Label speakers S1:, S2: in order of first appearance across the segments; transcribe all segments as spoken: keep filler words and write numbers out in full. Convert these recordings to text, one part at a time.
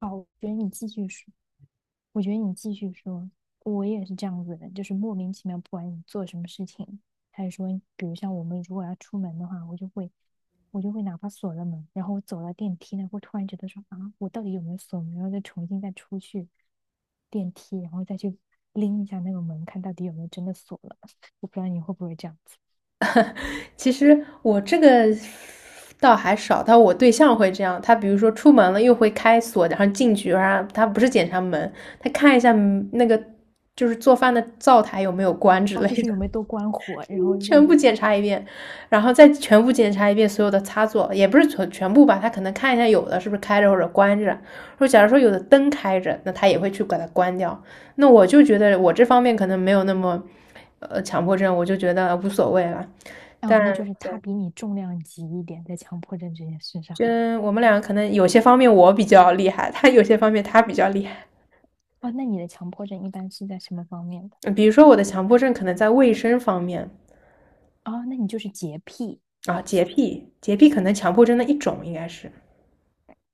S1: 好，我觉得你继续说。我觉得你继续说，我也是这样子的人就是莫名其妙，不管你做什么事情，还是说，比如像我们如果要出门的话，我就会，我就会哪怕锁了门，然后我走到电梯那会突然觉得说啊，我到底有没有锁门，然后再重新再出去电梯，然后再去拎一下那个门，看到底有没有真的锁了。我不知道你会不会这样子，
S2: 其实我这个倒还少，但我对象会这样。他比如说出门了，又会开锁，然后进去，然后他不是检查门，他看一下嗯那个就是做饭的灶台有没有关之
S1: 哦，
S2: 类
S1: 就是
S2: 的，
S1: 有没有多关火，然后 就
S2: 全部
S1: 也，
S2: 检查一遍，然后再全部检查一遍所有的插座，也不是全全部吧，他可能看一下有的是不是开着或者关着。说假如说有的灯开着，那他也会去把它关掉。那我就觉得我这方面可能没有那么呃强迫症，我就觉得无所谓了。
S1: 哦，
S2: 但
S1: 那就是他
S2: 对，
S1: 比你重量级一点，在强迫症这件事上。
S2: 就我们两个可能有些方面我比较厉害，他有些方面他比较厉害。
S1: 哦，那你的强迫症一般是在什么方面的？
S2: 嗯比如说我的强迫症可能在卫生方面。
S1: 哦，那你就是洁癖。
S2: 啊，洁癖，洁癖可能强迫症的一种应该是。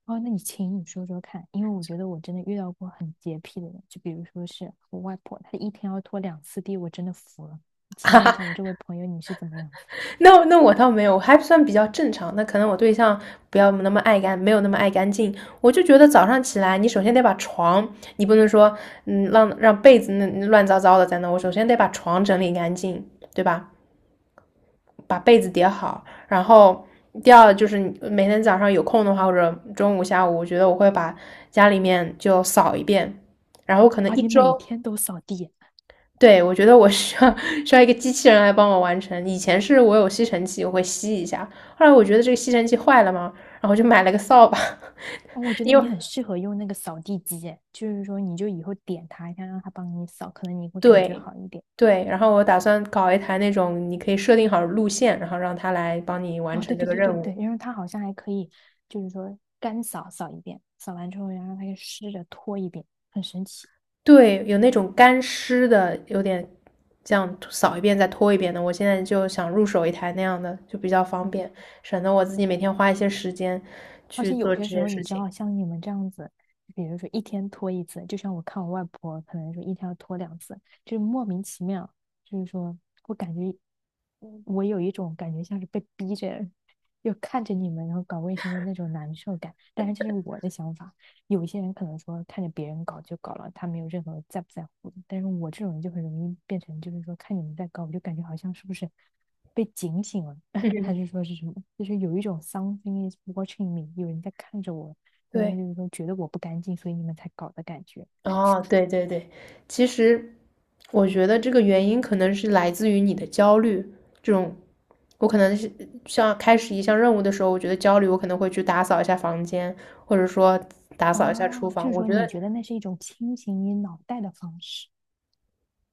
S1: 哦，那你请你说说看，因为我觉得我真的遇到过很洁癖的人，就比如说是我外婆，她一天要拖两次地，我真的服了。请问一下，我这位朋友你是怎么样子的？
S2: 那那我倒没有，我还算比较正常。那可能我对象不要那么爱干，没有那么爱干净。我就觉得早上起来，你首先得把床，你不能说嗯让让被子那乱糟糟的在那，我首先得把床整理干净，对吧？把被子叠好，然后第二就是每天早上有空的话，或者中午、下午，我觉得我会把家里面就扫一遍，然后可能
S1: 啊，
S2: 一
S1: 你每
S2: 周，
S1: 天都扫地，
S2: 对，我觉得我需要 需要一个机器人来帮我完成。以前是我有吸尘器，我会吸一下，后来我觉得这个吸尘器坏了嘛，然后我就买了个扫把，
S1: 哦，我 觉得
S2: 因
S1: 你
S2: 为
S1: 很适合用那个扫地机耶就是说你就以后点它一下，让它帮你扫，可能你会感觉
S2: 对。
S1: 好一点。
S2: 对，然后我打算搞一台那种，你可以设定好路线，然后让它来帮你完
S1: 哦，
S2: 成
S1: 对
S2: 这
S1: 对
S2: 个
S1: 对对
S2: 任务。
S1: 对，然后它好像还可以，就是说干扫扫一遍，扫完之后然后它又湿着拖一遍，很神奇。
S2: 对，有那种干湿的，有点这样扫一遍再拖一遍的。我现在就想入手一台那样的，就比较方便，省得我自己每天花一些时间
S1: 而
S2: 去
S1: 且有
S2: 做这
S1: 些时
S2: 件
S1: 候，
S2: 事
S1: 你知
S2: 情。
S1: 道，像你们这样子，比如说一天拖一次，就像我看我外婆，可能说一天要拖两次，就是莫名其妙，就是说我感觉，嗯我有一种感觉像是被逼着，又看着你们然后搞卫生的那种难受感。但是这是我的想法，有一些人可能说看着别人搞就搞了，他没有任何在不在乎的。但是我这种人就很容易变成，就是说看你们在搞，我就感觉好像是不是被警醒了。还
S2: 嗯，
S1: 是说是什么？就是有一种 something is watching me,有人在看着我，然后
S2: 对，
S1: 就是说觉得我不干净，所以你们才搞的感觉。
S2: 哦，对对对，其实我觉得这个原因可能是来自于你的焦虑，这种我可能是像开始一项任务的时候，我觉得焦虑，我可能会去打扫一下房间，或者说打扫一下厨
S1: 哦，就
S2: 房。
S1: 是
S2: 我
S1: 说
S2: 觉
S1: 你
S2: 得
S1: 觉得那是一种清醒你脑袋的方式。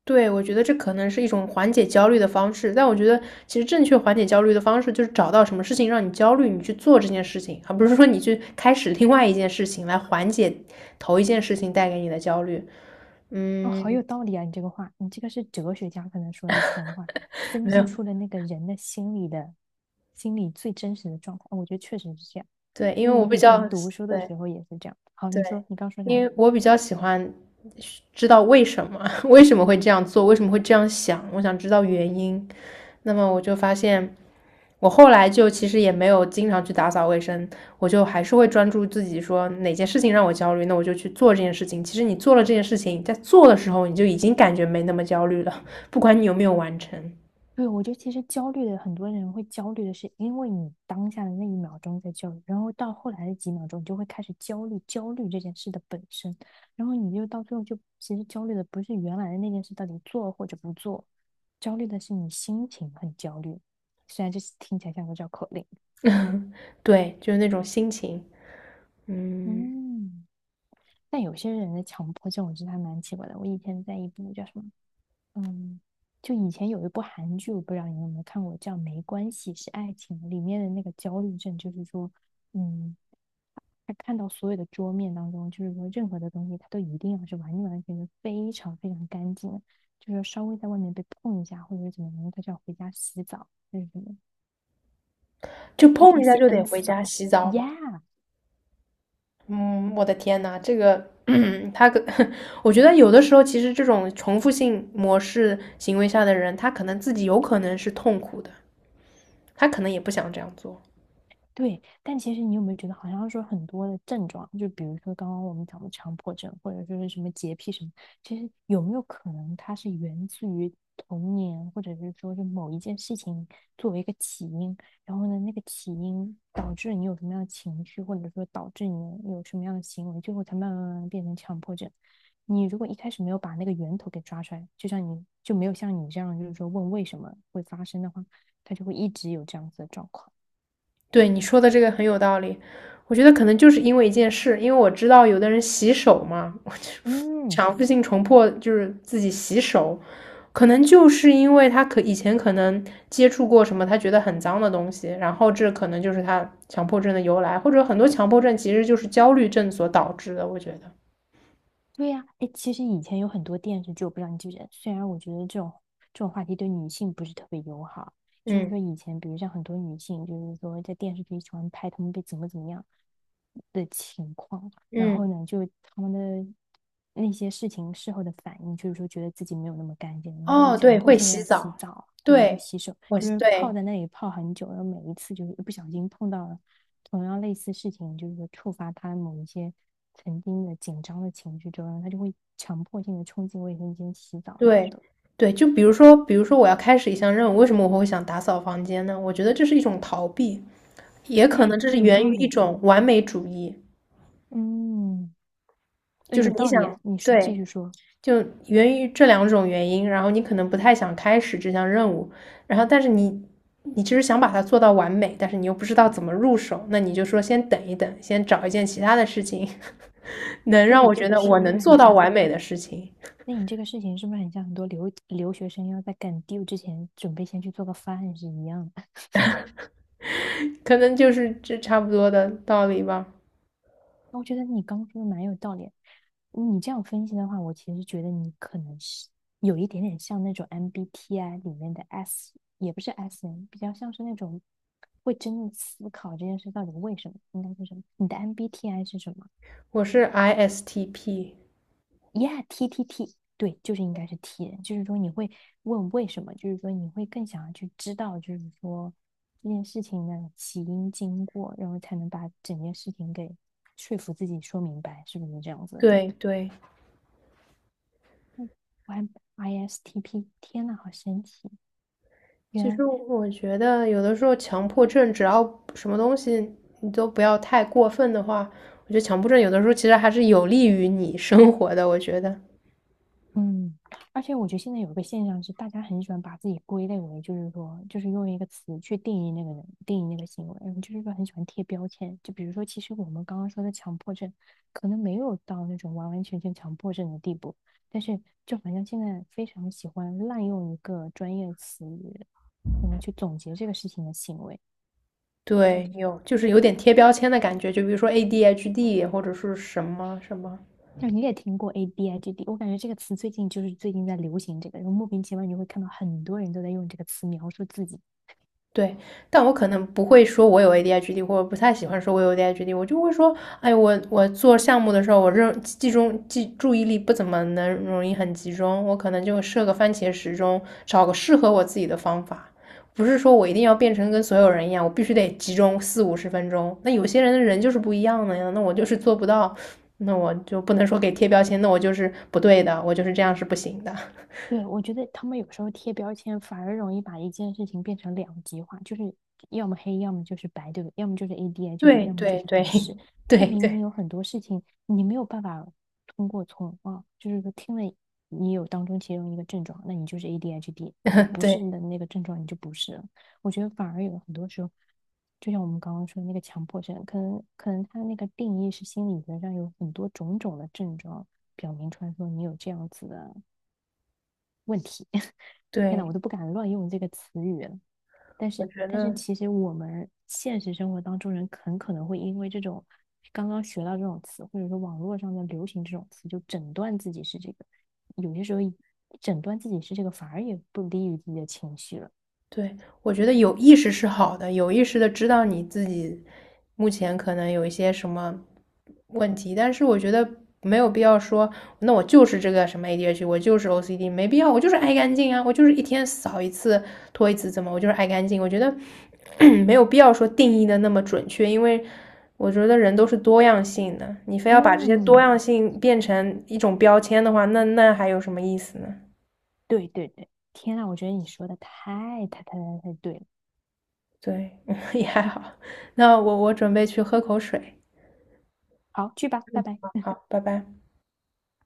S2: 对，我觉得这可能是一种缓解焦虑的方式，但我觉得其实正确缓解焦虑的方式就是找到什么事情让你焦虑，你去做这件事情，而不是说你去开始另外一件事情来缓解头一件事情带给你的焦虑。
S1: 哦，好
S2: 嗯，
S1: 有道理啊！你这个话，你这个是哲学家可能说的出来的话，分
S2: 没有，
S1: 析出了那个人的心理的心理最真实的状态。哦我觉得确实是这样，
S2: 对，因
S1: 因
S2: 为
S1: 为我
S2: 我比
S1: 以
S2: 较，
S1: 前读书的
S2: 对，
S1: 时候也是这样。好，
S2: 对，
S1: 你说你刚说
S2: 因
S1: 啥？
S2: 为我比较喜欢知道为什么，为什么会这样做，为什么会这样想，我想知道原因。那么我就发现，我后来就其实也没有经常去打扫卫生，我就还是会专注自己说哪件事情让我焦虑，那我就去做这件事情。其实你做了这件事情，在做的时候你就已经感觉没那么焦虑了，不管你有没有完成。
S1: 对，我觉得其实焦虑的很多人会焦虑的是，因为你当下的那一秒钟在焦虑，然后到后来的几秒钟，你就会开始焦虑焦虑这件事的本身，然后你就到最后就其实焦虑的不是原来的那件事到底做或者不做，焦虑的是你心情很焦虑。虽然这是听起来像个绕口令，
S2: 对，就是那种心情，嗯，
S1: 嗯，但有些人的强迫症我觉得还蛮奇怪的。我以前在一部叫什么嗯，就以前有一部韩剧，我不知道你有没有看过，叫《没关系是爱情》，里面的那个焦虑症，就是说，嗯，他看到所有的桌面当中，就是说任何的东西，他都一定要是完完全全非常非常干净的，就是稍微在外面被碰一下或者是怎么样，他就要回家洗澡，就是什么，
S2: 就
S1: 就一
S2: 碰
S1: 天
S2: 一下
S1: 洗
S2: 就得
S1: N
S2: 回
S1: 次
S2: 家
S1: 澡
S2: 洗澡嘛。
S1: ，Yeah,
S2: 嗯，我的天呐，这个，他可，我觉得有的时候其实这种重复性模式行为下的人，他可能自己有可能是痛苦的，他可能也不想这样做。
S1: 对，但其实你有没有觉得，好像说很多的症状，就比如说刚刚我们讲的强迫症，或者说是什么洁癖什么，其实有没有可能它是源自于童年，或者是说是某一件事情作为一个起因，然后呢，那个起因导致你有什么样的情绪，或者说导致你有什么样的行为，最后才慢慢慢慢变成强迫症。你如果一开始没有把那个源头给抓出来，就像你就没有像你这样，就是说问为什么会发生的话，它就会一直有这样子的状况。
S2: 对你说的这个很有道理，我觉得可能就是因为一件事，因为我知道有的人洗手嘛，我就
S1: 嗯，
S2: 强制性重迫就是自己洗手，可能就是因为他可以前可能接触过什么他觉得很脏的东西，然后这可能就是他强迫症的由来，或者很多强迫症其实就是焦虑症所导致的，我觉得，
S1: 对呀，哎，其实以前有很多电视剧，我不知道你记不记得。虽然我觉得这种这种话题对女性不是特别友好，就是
S2: 嗯
S1: 说以前，比如像很多女性，就是说在电视剧喜欢拍她们被怎么怎么样的情况，然后
S2: 嗯，
S1: 呢，就她们的那些事情事后的反应，就是说觉得自己没有那么干净，然后就会
S2: 哦，
S1: 强
S2: 对，
S1: 迫
S2: 会
S1: 性的
S2: 洗
S1: 要洗
S2: 澡，
S1: 澡或者是
S2: 对，
S1: 洗手，
S2: 我
S1: 就是泡
S2: 对。
S1: 在那里泡很久，然后每一次就是一不小心碰到了同样类似事情，就是说触发他某一些曾经的紧张的情绪之后，他就会强迫性的冲进卫生间洗澡什么
S2: 对，
S1: 的。
S2: 对，就比如说，比如说我要开始一项任务，为什么我会想打扫房间呢？我觉得这是一种逃避，也可
S1: 哎，
S2: 能这是
S1: 有
S2: 源
S1: 道
S2: 于一
S1: 理，
S2: 种完美主义，
S1: 嗯，哎，
S2: 就是
S1: 有
S2: 你
S1: 道理。
S2: 想，
S1: 你继
S2: 对，
S1: 续说，
S2: 就源于这两种原因，然后你可能不太想开始这项任务，然后但是你你其实想把它做到完美，但是你又不知道怎么入手，那你就说先等一等，先找一件其他的事情，能
S1: 那
S2: 让
S1: 你
S2: 我
S1: 这
S2: 觉
S1: 个
S2: 得
S1: 是
S2: 我
S1: 不是
S2: 能做
S1: 很
S2: 到
S1: 像？
S2: 完美的事情，
S1: 那你这个事情是不是很像很多留留学生要在赶 due 之前准备先去做个饭是一样的？
S2: 可能就是这差不多的道理吧。
S1: 我觉得你刚说的蛮有道理。你这样分析的话，我其实觉得你可能是有一点点像那种 M B T I 里面的 S,也不是 S n 比较像是那种会真的思考这件事到底为什么，应该是什么。你的 M B T I 是什么
S2: 我是 I S T P。
S1: ？Yeah，T T T，对，就是应该是 T 人，就是说你会问为什么，就是说你会更想要去知道，就是说这件事情的起因经过，然后才能把整件事情给说服自己说明白，是不是这样子的状
S2: 对
S1: 态？
S2: 对，
S1: 嗯，Y I S T P,天呐，好神奇！原
S2: 其
S1: 来，
S2: 实我觉得有的时候强迫症，只要什么东西你都不要太过分的话，我觉得强迫症有的时候其实还是有利于你生活的。我觉得，
S1: 嗯，而且我觉得现在有一个现象是，大家很喜欢把自己归类为，就是说，就是用一个词去定义那个人，定义那个行为，就是说很喜欢贴标签。就比如说，其实我们刚刚说的强迫症，可能没有到那种完完全全强迫症的地步，但是就好像现在非常喜欢滥用一个专业词语，然后去总结这个事情的行为。
S2: 对，有就是有点贴标签的感觉，就比如说 A D H D 或者是什么什么，
S1: 就你也听过 A B I G D,我感觉这个词最近就是最近在流行这个，然后莫名其妙你会看到很多人都在用这个词描述自己。
S2: 对，但我可能不会说我有 A D H D，或者不太喜欢说我有 A D H D，我就会说，哎，我我做项目的时候，我认集中记注意力不怎么能容易很集中，我可能就设个番茄时钟，找个适合我自己的方法，不是说我一定要变成跟所有人一样，我必须得集中四五十分钟。那有些人的人就是不一样的呀，那我就是做不到，那我就不能说给贴标签，那我就是不对的，我就是这样是不行的。
S1: 对，我觉得他们有时候贴标签反而容易把一件事情变成两极化，就是要么黑，要么就是白，对不对？要么就是 A D H D,
S2: 对
S1: 要么就
S2: 对
S1: 是
S2: 对
S1: 不是。
S2: 对
S1: 但明明
S2: 对
S1: 有很多事情你没有办法通过从啊，就是说听了你有当中其中一个症状，那你就是 A D H D,那 不是
S2: 对
S1: 你的那个症状你就不是了。我觉得反而有很多时候，就像我们刚刚说的那个强迫症，可能可能他那个定义是心理学上有很多种种的症状表明出来说你有这样子的。问题。天呐，
S2: 对，
S1: 我都不敢乱用这个词语了。但
S2: 我
S1: 是，
S2: 觉
S1: 但是
S2: 得。
S1: 其实我们现实生活当中人很可能会因为这种刚刚学到这种词，或者说网络上的流行这种词，就诊断自己是这个。有些时候诊断自己是这个，反而也不利于自己的情绪了。
S2: 对，我觉得有意识是好的，有意识的知道你自己目前可能有一些什么问题，但是我觉得没有必要说，那我就是这个什么 A D H D，我就是 O C D，没必要，我就是爱干净啊，我就是一天扫一次、拖一次，怎么我就是爱干净？我觉得 没有必要说定义的那么准确，因为我觉得人都是多样性的，你非要把这些多
S1: 嗯，
S2: 样性变成一种标签的话，那那还有什么意思呢？
S1: 对对对，天呐，我觉得你说的太太太太太对了。
S2: 对，也还好，那我我准备去喝口水，
S1: 好，去吧，拜拜。
S2: 好，拜拜。